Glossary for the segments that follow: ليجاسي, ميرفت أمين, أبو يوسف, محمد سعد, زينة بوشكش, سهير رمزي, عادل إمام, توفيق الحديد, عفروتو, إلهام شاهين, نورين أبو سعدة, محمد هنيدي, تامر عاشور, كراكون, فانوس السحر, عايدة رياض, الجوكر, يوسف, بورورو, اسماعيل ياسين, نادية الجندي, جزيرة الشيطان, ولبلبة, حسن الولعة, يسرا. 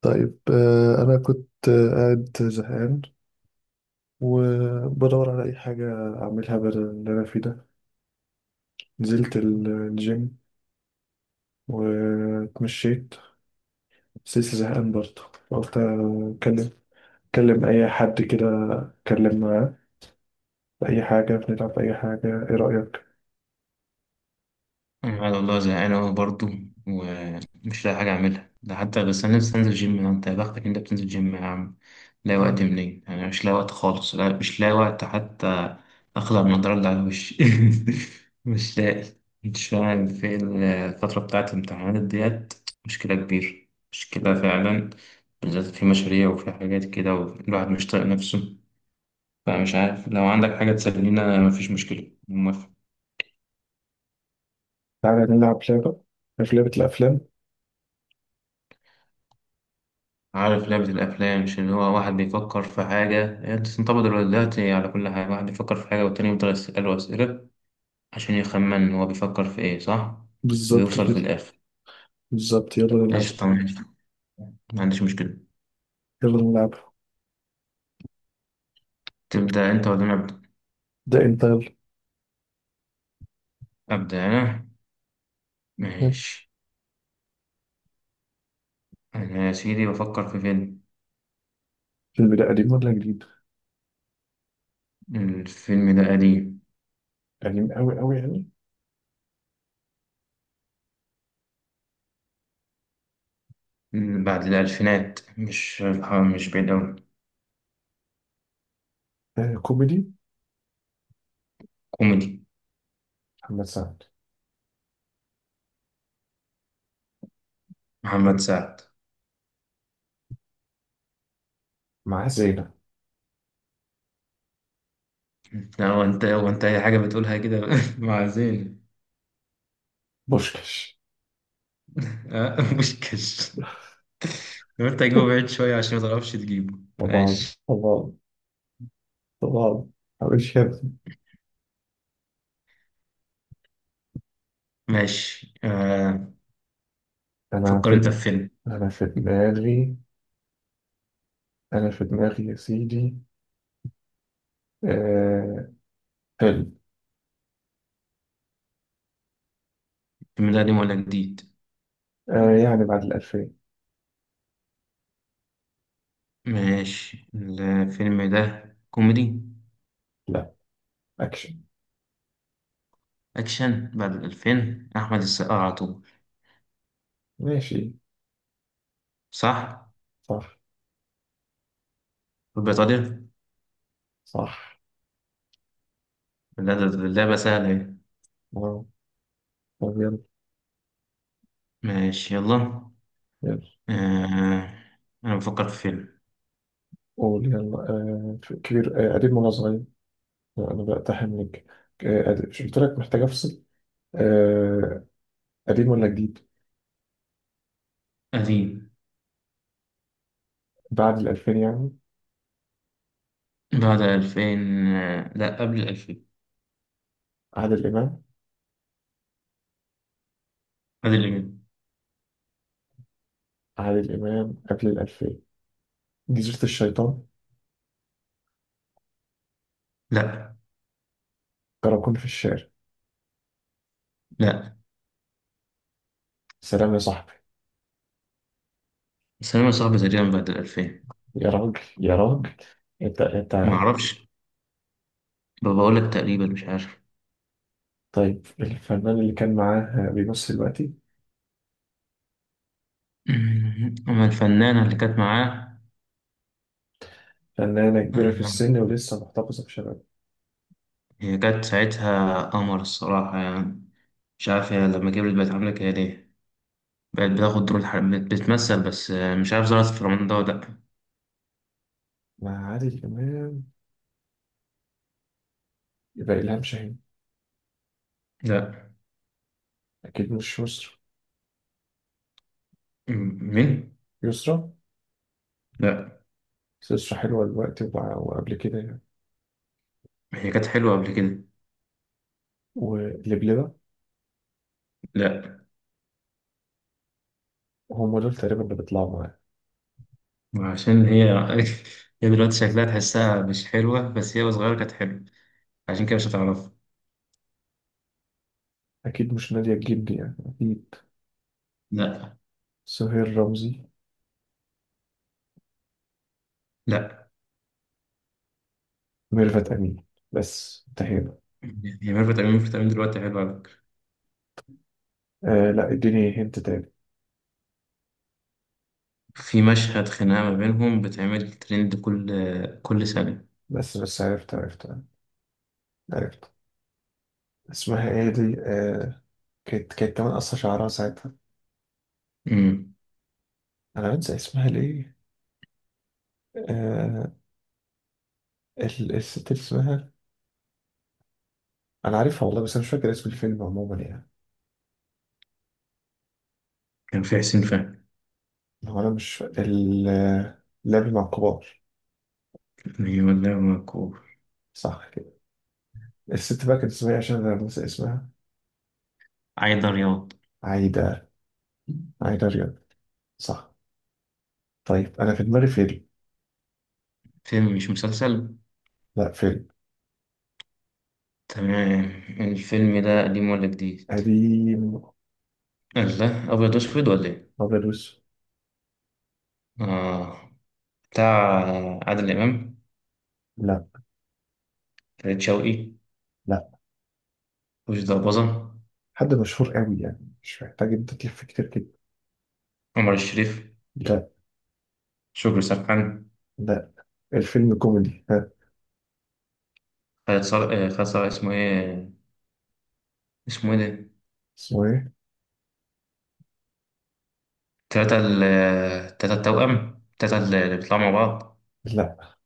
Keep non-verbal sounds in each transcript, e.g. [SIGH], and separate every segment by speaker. Speaker 1: طيب أنا كنت قاعد زهقان، وبدور على أي حاجة أعملها بدل اللي أنا فيه ده. نزلت الجيم واتمشيت، بس لسه زهقان برضه. قلت أكلم أي حد كده، أتكلم معاه في أي حاجة. بنلعب أي حاجة، إيه رأيك؟
Speaker 2: أنا والله زهقان أوي برضه، ومش لاقي حاجة أعملها ده حتى. بس أنا لسه هنزل جيم. أنت يا بختك، أنت بتنزل جيم يا عم. لاقي وقت منين؟ أنا مش لاقي وقت خالص. لا، مش لاقي وقت حتى. أخلع النضارة اللي على وشي. [LAUGHS] مش لاقي. مش فاهم في الفترة بتاعت الامتحانات ديت. مشكلة كبيرة، مشكلة فعلا. بالذات في مشاريع وفي حاجات كده، والواحد مش طايق نفسه. فمش عارف، لو عندك حاجة تسلينا مفيش مشكلة، موافق.
Speaker 1: تعالى نلعب لعبة. عارف لعبة الأفلام؟
Speaker 2: عارف لعبة الأفلام؟ مش اللي هو واحد بيفكر في حاجة هي بتنطبق دلوقتي على كل حاجة، واحد بيفكر في حاجة والتاني يفضل يسأله أسئلة عشان يخمن هو بيفكر في إيه، صح؟
Speaker 1: بالظبط
Speaker 2: ويوصل في
Speaker 1: كده.
Speaker 2: الآخر.
Speaker 1: بالظبط، يلا نلعب.
Speaker 2: قشطة، ماشي، ما عنديش مشكلة.
Speaker 1: يلا نلعب.
Speaker 2: تبدأ أنت ولا أنا أبدأ؟
Speaker 1: ده أنت، يلا.
Speaker 2: أبدأ أنا. ماشي. أنا يا سيدي بفكر في فيلم.
Speaker 1: الفيلم ده قديم ولا جديد؟
Speaker 2: الفيلم ده قديم،
Speaker 1: قديم أوي أوي يعني.
Speaker 2: بعد الألفينات. مش، مش بعيد أوي.
Speaker 1: آه، كوميدي.
Speaker 2: كوميدي.
Speaker 1: محمد سعد.
Speaker 2: محمد سعد.
Speaker 1: مع زينة.
Speaker 2: لا، هو أنت، هو أنت أي حاجة بتقولها كده. [LAUGHS] مع زين.
Speaker 1: بوشكش.
Speaker 2: آه، [LAUGHS] بوشكاش. لو انت هتجيبه بعيد شوية عشان ما تعرفش تجيبه،
Speaker 1: طبعا
Speaker 2: ماشي.
Speaker 1: طبعا طبعا. مش كده؟
Speaker 2: ماشي آه.
Speaker 1: أنا
Speaker 2: فكر انت
Speaker 1: في
Speaker 2: في فيلم.
Speaker 1: أنا في دماغي أنا في دماغي يا سيدي. آه... فيلم.
Speaker 2: الفيلم ده قديم ولا جديد؟
Speaker 1: آه، يعني بعد الألفين.
Speaker 2: ماشي. الفيلم ده كوميدي؟
Speaker 1: لا، أكشن.
Speaker 2: أكشن بعد الألفين، أحمد السقا على طول.
Speaker 1: ماشي.
Speaker 2: صح؟
Speaker 1: صح.
Speaker 2: في بريطانيا.
Speaker 1: صح.
Speaker 2: لا ده ده- ده بقى سهلة ايه.
Speaker 1: واو. طب يلا.
Speaker 2: ماشي، يلا
Speaker 1: يلا.
Speaker 2: آه. أنا بفكر في فيلم
Speaker 1: قول يلا. كبير. قديم ولا صغير؟ لا، أنا بقتحم لك. قديم. مش قلت لك محتاج أفصل. آه... قديم ولا جديد؟
Speaker 2: قديم.
Speaker 1: بعد الألفين يعني.
Speaker 2: بعد الألفين. آه، لا، قبل الألفين.
Speaker 1: عادل إمام.
Speaker 2: قبل الألفين.
Speaker 1: عادل إمام قبل الألفين. جزيرة الشيطان.
Speaker 2: لا.
Speaker 1: كراكون في الشارع.
Speaker 2: لا.
Speaker 1: سلام يا صاحبي.
Speaker 2: السينما صعبة تقريبا بعد الألفين.
Speaker 1: يا راجل يا راجل. انت
Speaker 2: ما
Speaker 1: انت
Speaker 2: أعرفش، بقول لك تقريبا مش عارف. [LAUGHS]
Speaker 1: طيب، الفنان اللي كان معاه بيمثل دلوقتي؟
Speaker 2: [CLEARS THROAT] أما الفنانة اللي كانت معاه
Speaker 1: فنانة كبيرة في
Speaker 2: آه،
Speaker 1: السن ولسه محتفظة بشبابها.
Speaker 2: هي كانت ساعتها قمر الصراحة يعني. مش عارف هي لما كبرت بقت عاملة كده ليه. بقت بتاخد دور بتمثل بس. آه، مش عارف ظهرت في رمضان ده ولا لأ.
Speaker 1: مع عادل إمام، يبقى إلهام شاهين.
Speaker 2: لأ.
Speaker 1: أكيد مش يسرا.
Speaker 2: مين؟
Speaker 1: يسرا.
Speaker 2: لأ.
Speaker 1: بس يسرا حلوة دلوقتي وقبل كده يعني.
Speaker 2: هي كانت حلوة قبل كده.
Speaker 1: ولبلبة.
Speaker 2: لأ،
Speaker 1: هم دول تقريبا اللي بيطلعوا معاه.
Speaker 2: عشان هي [LAUGHS] هي دلوقتي شكلها تحسها مش حلوة، بس هي وصغيرة كانت حلوة. عشان كده مش هتعرفها.
Speaker 1: أكيد مش نادية الجندي يعني، أكيد.
Speaker 2: لأ.
Speaker 1: سهير رمزي.
Speaker 2: لأ.
Speaker 1: ميرفت أمين. بس انتهينا.
Speaker 2: هي ميرفت أمين، وميرفت أمين دلوقتي حلوة على فكرة.
Speaker 1: آه، لا اديني هنت تاني.
Speaker 2: في مشهد خناقة ما بينهم بتعمل ترند كل سنة.
Speaker 1: بس عرفت عرفت. عرفت. اسمها ايه دي؟ كانت كمان قصة شعرها ساعتها.
Speaker 2: امم
Speaker 1: انا بنسى اسمها ليه؟ آه الست اللي اسمها. انا عارفها والله، بس انا مش فاكر اسم الفيلم عموما يعني.
Speaker 2: كان في حسين فهمي.
Speaker 1: هو انا مش فا- ال آه، لعب مع الكبار.
Speaker 2: أيوة والله مكروه.
Speaker 1: صح كده. الست بقى كانت اسمها إيه، عشان انا بنسى اسمها؟
Speaker 2: عايدة رياض.
Speaker 1: عايدة. عايدة رياض. صح. طيب انا في دماغي فيلم.
Speaker 2: فيلم مش مسلسل.
Speaker 1: لا، فيلم.
Speaker 2: تمام. الفيلم ده قديم ولا جديد؟
Speaker 1: قديم.
Speaker 2: الله، أبيض وأسود ولا إيه؟
Speaker 1: ابيض واسود.
Speaker 2: آه. بتاع عادل إمام.
Speaker 1: لا.
Speaker 2: فريد شوقي.
Speaker 1: لا.
Speaker 2: وش ضربظة.
Speaker 1: حد مشهور قوي يعني، مش محتاج انت تلف كتير كده.
Speaker 2: عمر الشريف.
Speaker 1: لا.
Speaker 2: شكري سرحان.
Speaker 1: لا. الفيلم كوميدي، ها.
Speaker 2: خالد صالح. آه، خالد صالح اسمه إيه؟ اسمه إيه ده؟
Speaker 1: اسمه ايه؟
Speaker 2: تلاتة ال، تلاتة التوأم، تلاتة اللي بيطلعوا مع بعض.
Speaker 1: لا.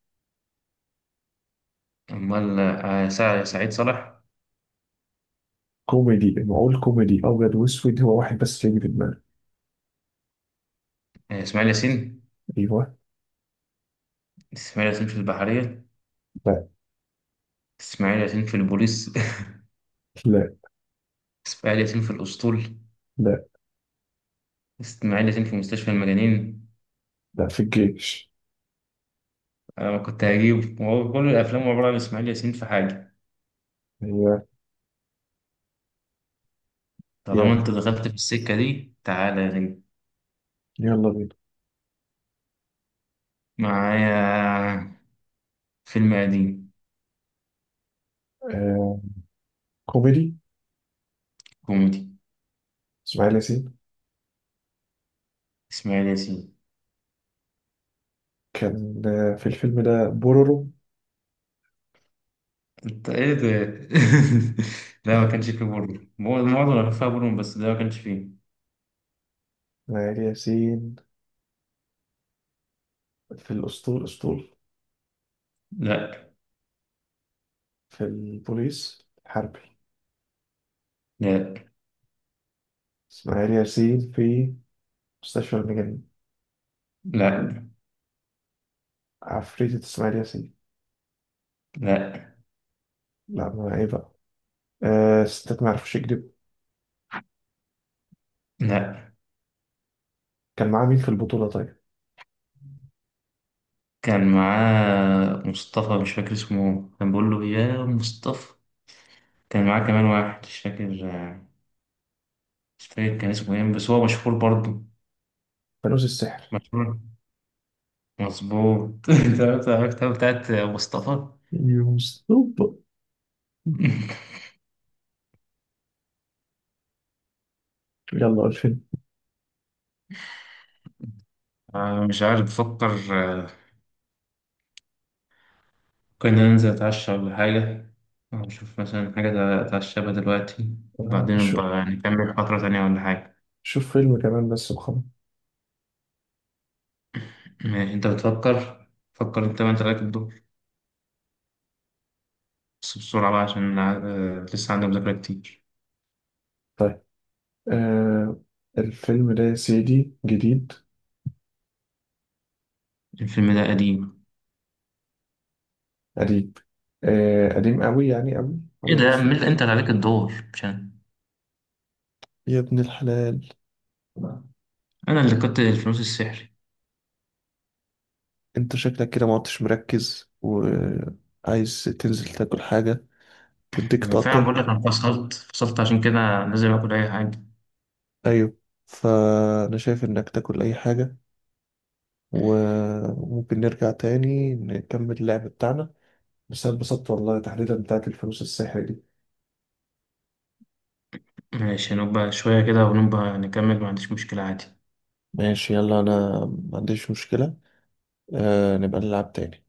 Speaker 2: أمال آه، سعيد صالح.
Speaker 1: كوميدي، نقول كوميدي ابيض واسود، هو واحد بس يجي في دماغي.
Speaker 2: آه، إسماعيل ياسين.
Speaker 1: ايوه.
Speaker 2: إسماعيل ياسين في البحرية.
Speaker 1: لا.
Speaker 2: إسماعيل ياسين في البوليس.
Speaker 1: لا.
Speaker 2: [LAUGHS] إسماعيل ياسين في الأسطول.
Speaker 1: لا.
Speaker 2: إسماعيل ياسين في مستشفى المجانين.
Speaker 1: لا، في الجيش.
Speaker 2: أنا ما كنت هجيب، وهو كل الأفلام عبارة عن إسماعيل ياسين في حاجة.
Speaker 1: ايوه.
Speaker 2: طالما أنت
Speaker 1: يلا.
Speaker 2: دخلت في السكة دي تعالى يا نجم.
Speaker 1: يلا بينا.
Speaker 2: معايا. فيلم قديم.
Speaker 1: آه. كوميدي.
Speaker 2: كوميدي.
Speaker 1: اسماعيل ياسين.
Speaker 2: إسماعيل ياسين.
Speaker 1: كان في الفيلم ده بورورو.
Speaker 2: انت ايه ده؟ [LAUGHS] لا، ما كانش فيه بورنو، معظم اللي فيها بورنو، بس ده ما كانش فيه.
Speaker 1: اسماعيل ياسين في الاسطول.
Speaker 2: لا.
Speaker 1: في البوليس حربي.
Speaker 2: لا.
Speaker 1: اسماعيل ياسين في مستشفى المجانين.
Speaker 2: لا.
Speaker 1: عفريتة اسماعيل ياسين.
Speaker 2: لا.
Speaker 1: لا، ما ايه بقى. آه، ستات ما يعرفوش يكذبوا.
Speaker 2: لا.
Speaker 1: كان معاه مين في البطولة طيب؟
Speaker 2: كان معاه مصطفى، مش فاكر اسمه، كان بيقول له يا مصطفى. كان معاه كمان واحد مش فاكر. مش فاكر كان اسمه ايه، بس هو مشهور برضه.
Speaker 1: فانوس السحر.
Speaker 2: مشهور. مظبوط. [LAUGHS] انت عرفت، عرفت بتاعت مصطفى. [LAUGHS]
Speaker 1: يوسف. يلا الفيلم.
Speaker 2: آه، مش عارف، بفكر. ممكن ننزل أتعشى ولا حاجة، أو نشوف مثلا حاجة أتعشى بها دلوقتي،
Speaker 1: آه،
Speaker 2: وبعدين نبقى نكمل فترة تانية ولا حاجة.
Speaker 1: شوف فيلم كمان بس وخلاص.
Speaker 2: ماشي، أنت بتفكر. فكر أنت، ما أنت راكب الدور. بس بسرعة بقى عشان لسه عندي مذاكرة كتير.
Speaker 1: طيب. آه الفيلم ده يا سيدي جديد.
Speaker 2: الفيلم ده قديم.
Speaker 1: قديم. آه، قديم قوي يعني قوي.
Speaker 2: إيه ده
Speaker 1: أبيض
Speaker 2: يا عم،
Speaker 1: وأسود.
Speaker 2: أنت اللي عليك الدور مش أنا.
Speaker 1: يا ابن الحلال.
Speaker 2: أنا اللي كنت الفلوس السحري.
Speaker 1: أنت شكلك كده ما عدتش مركز وعايز تنزل تاكل حاجة تديك
Speaker 2: أنا فعلا
Speaker 1: طاقة.
Speaker 2: بقول لك، أنا فصلت عشان كده لازم آكل أي حاجة.
Speaker 1: أيوه. فأنا شايف إنك تاكل أي حاجة، وممكن نرجع تاني نكمل اللعب بتاعنا. بس أنا اتبسطت والله، تحديدا بتاعت الفلوس السحر دي.
Speaker 2: ماشي نبقى شوية كده ونبقى نكمل، ما عنديش مشكلة عادي.
Speaker 1: ماشي، يلا أنا ما عنديش مشكلة. آه، نبقى نلعب تاني.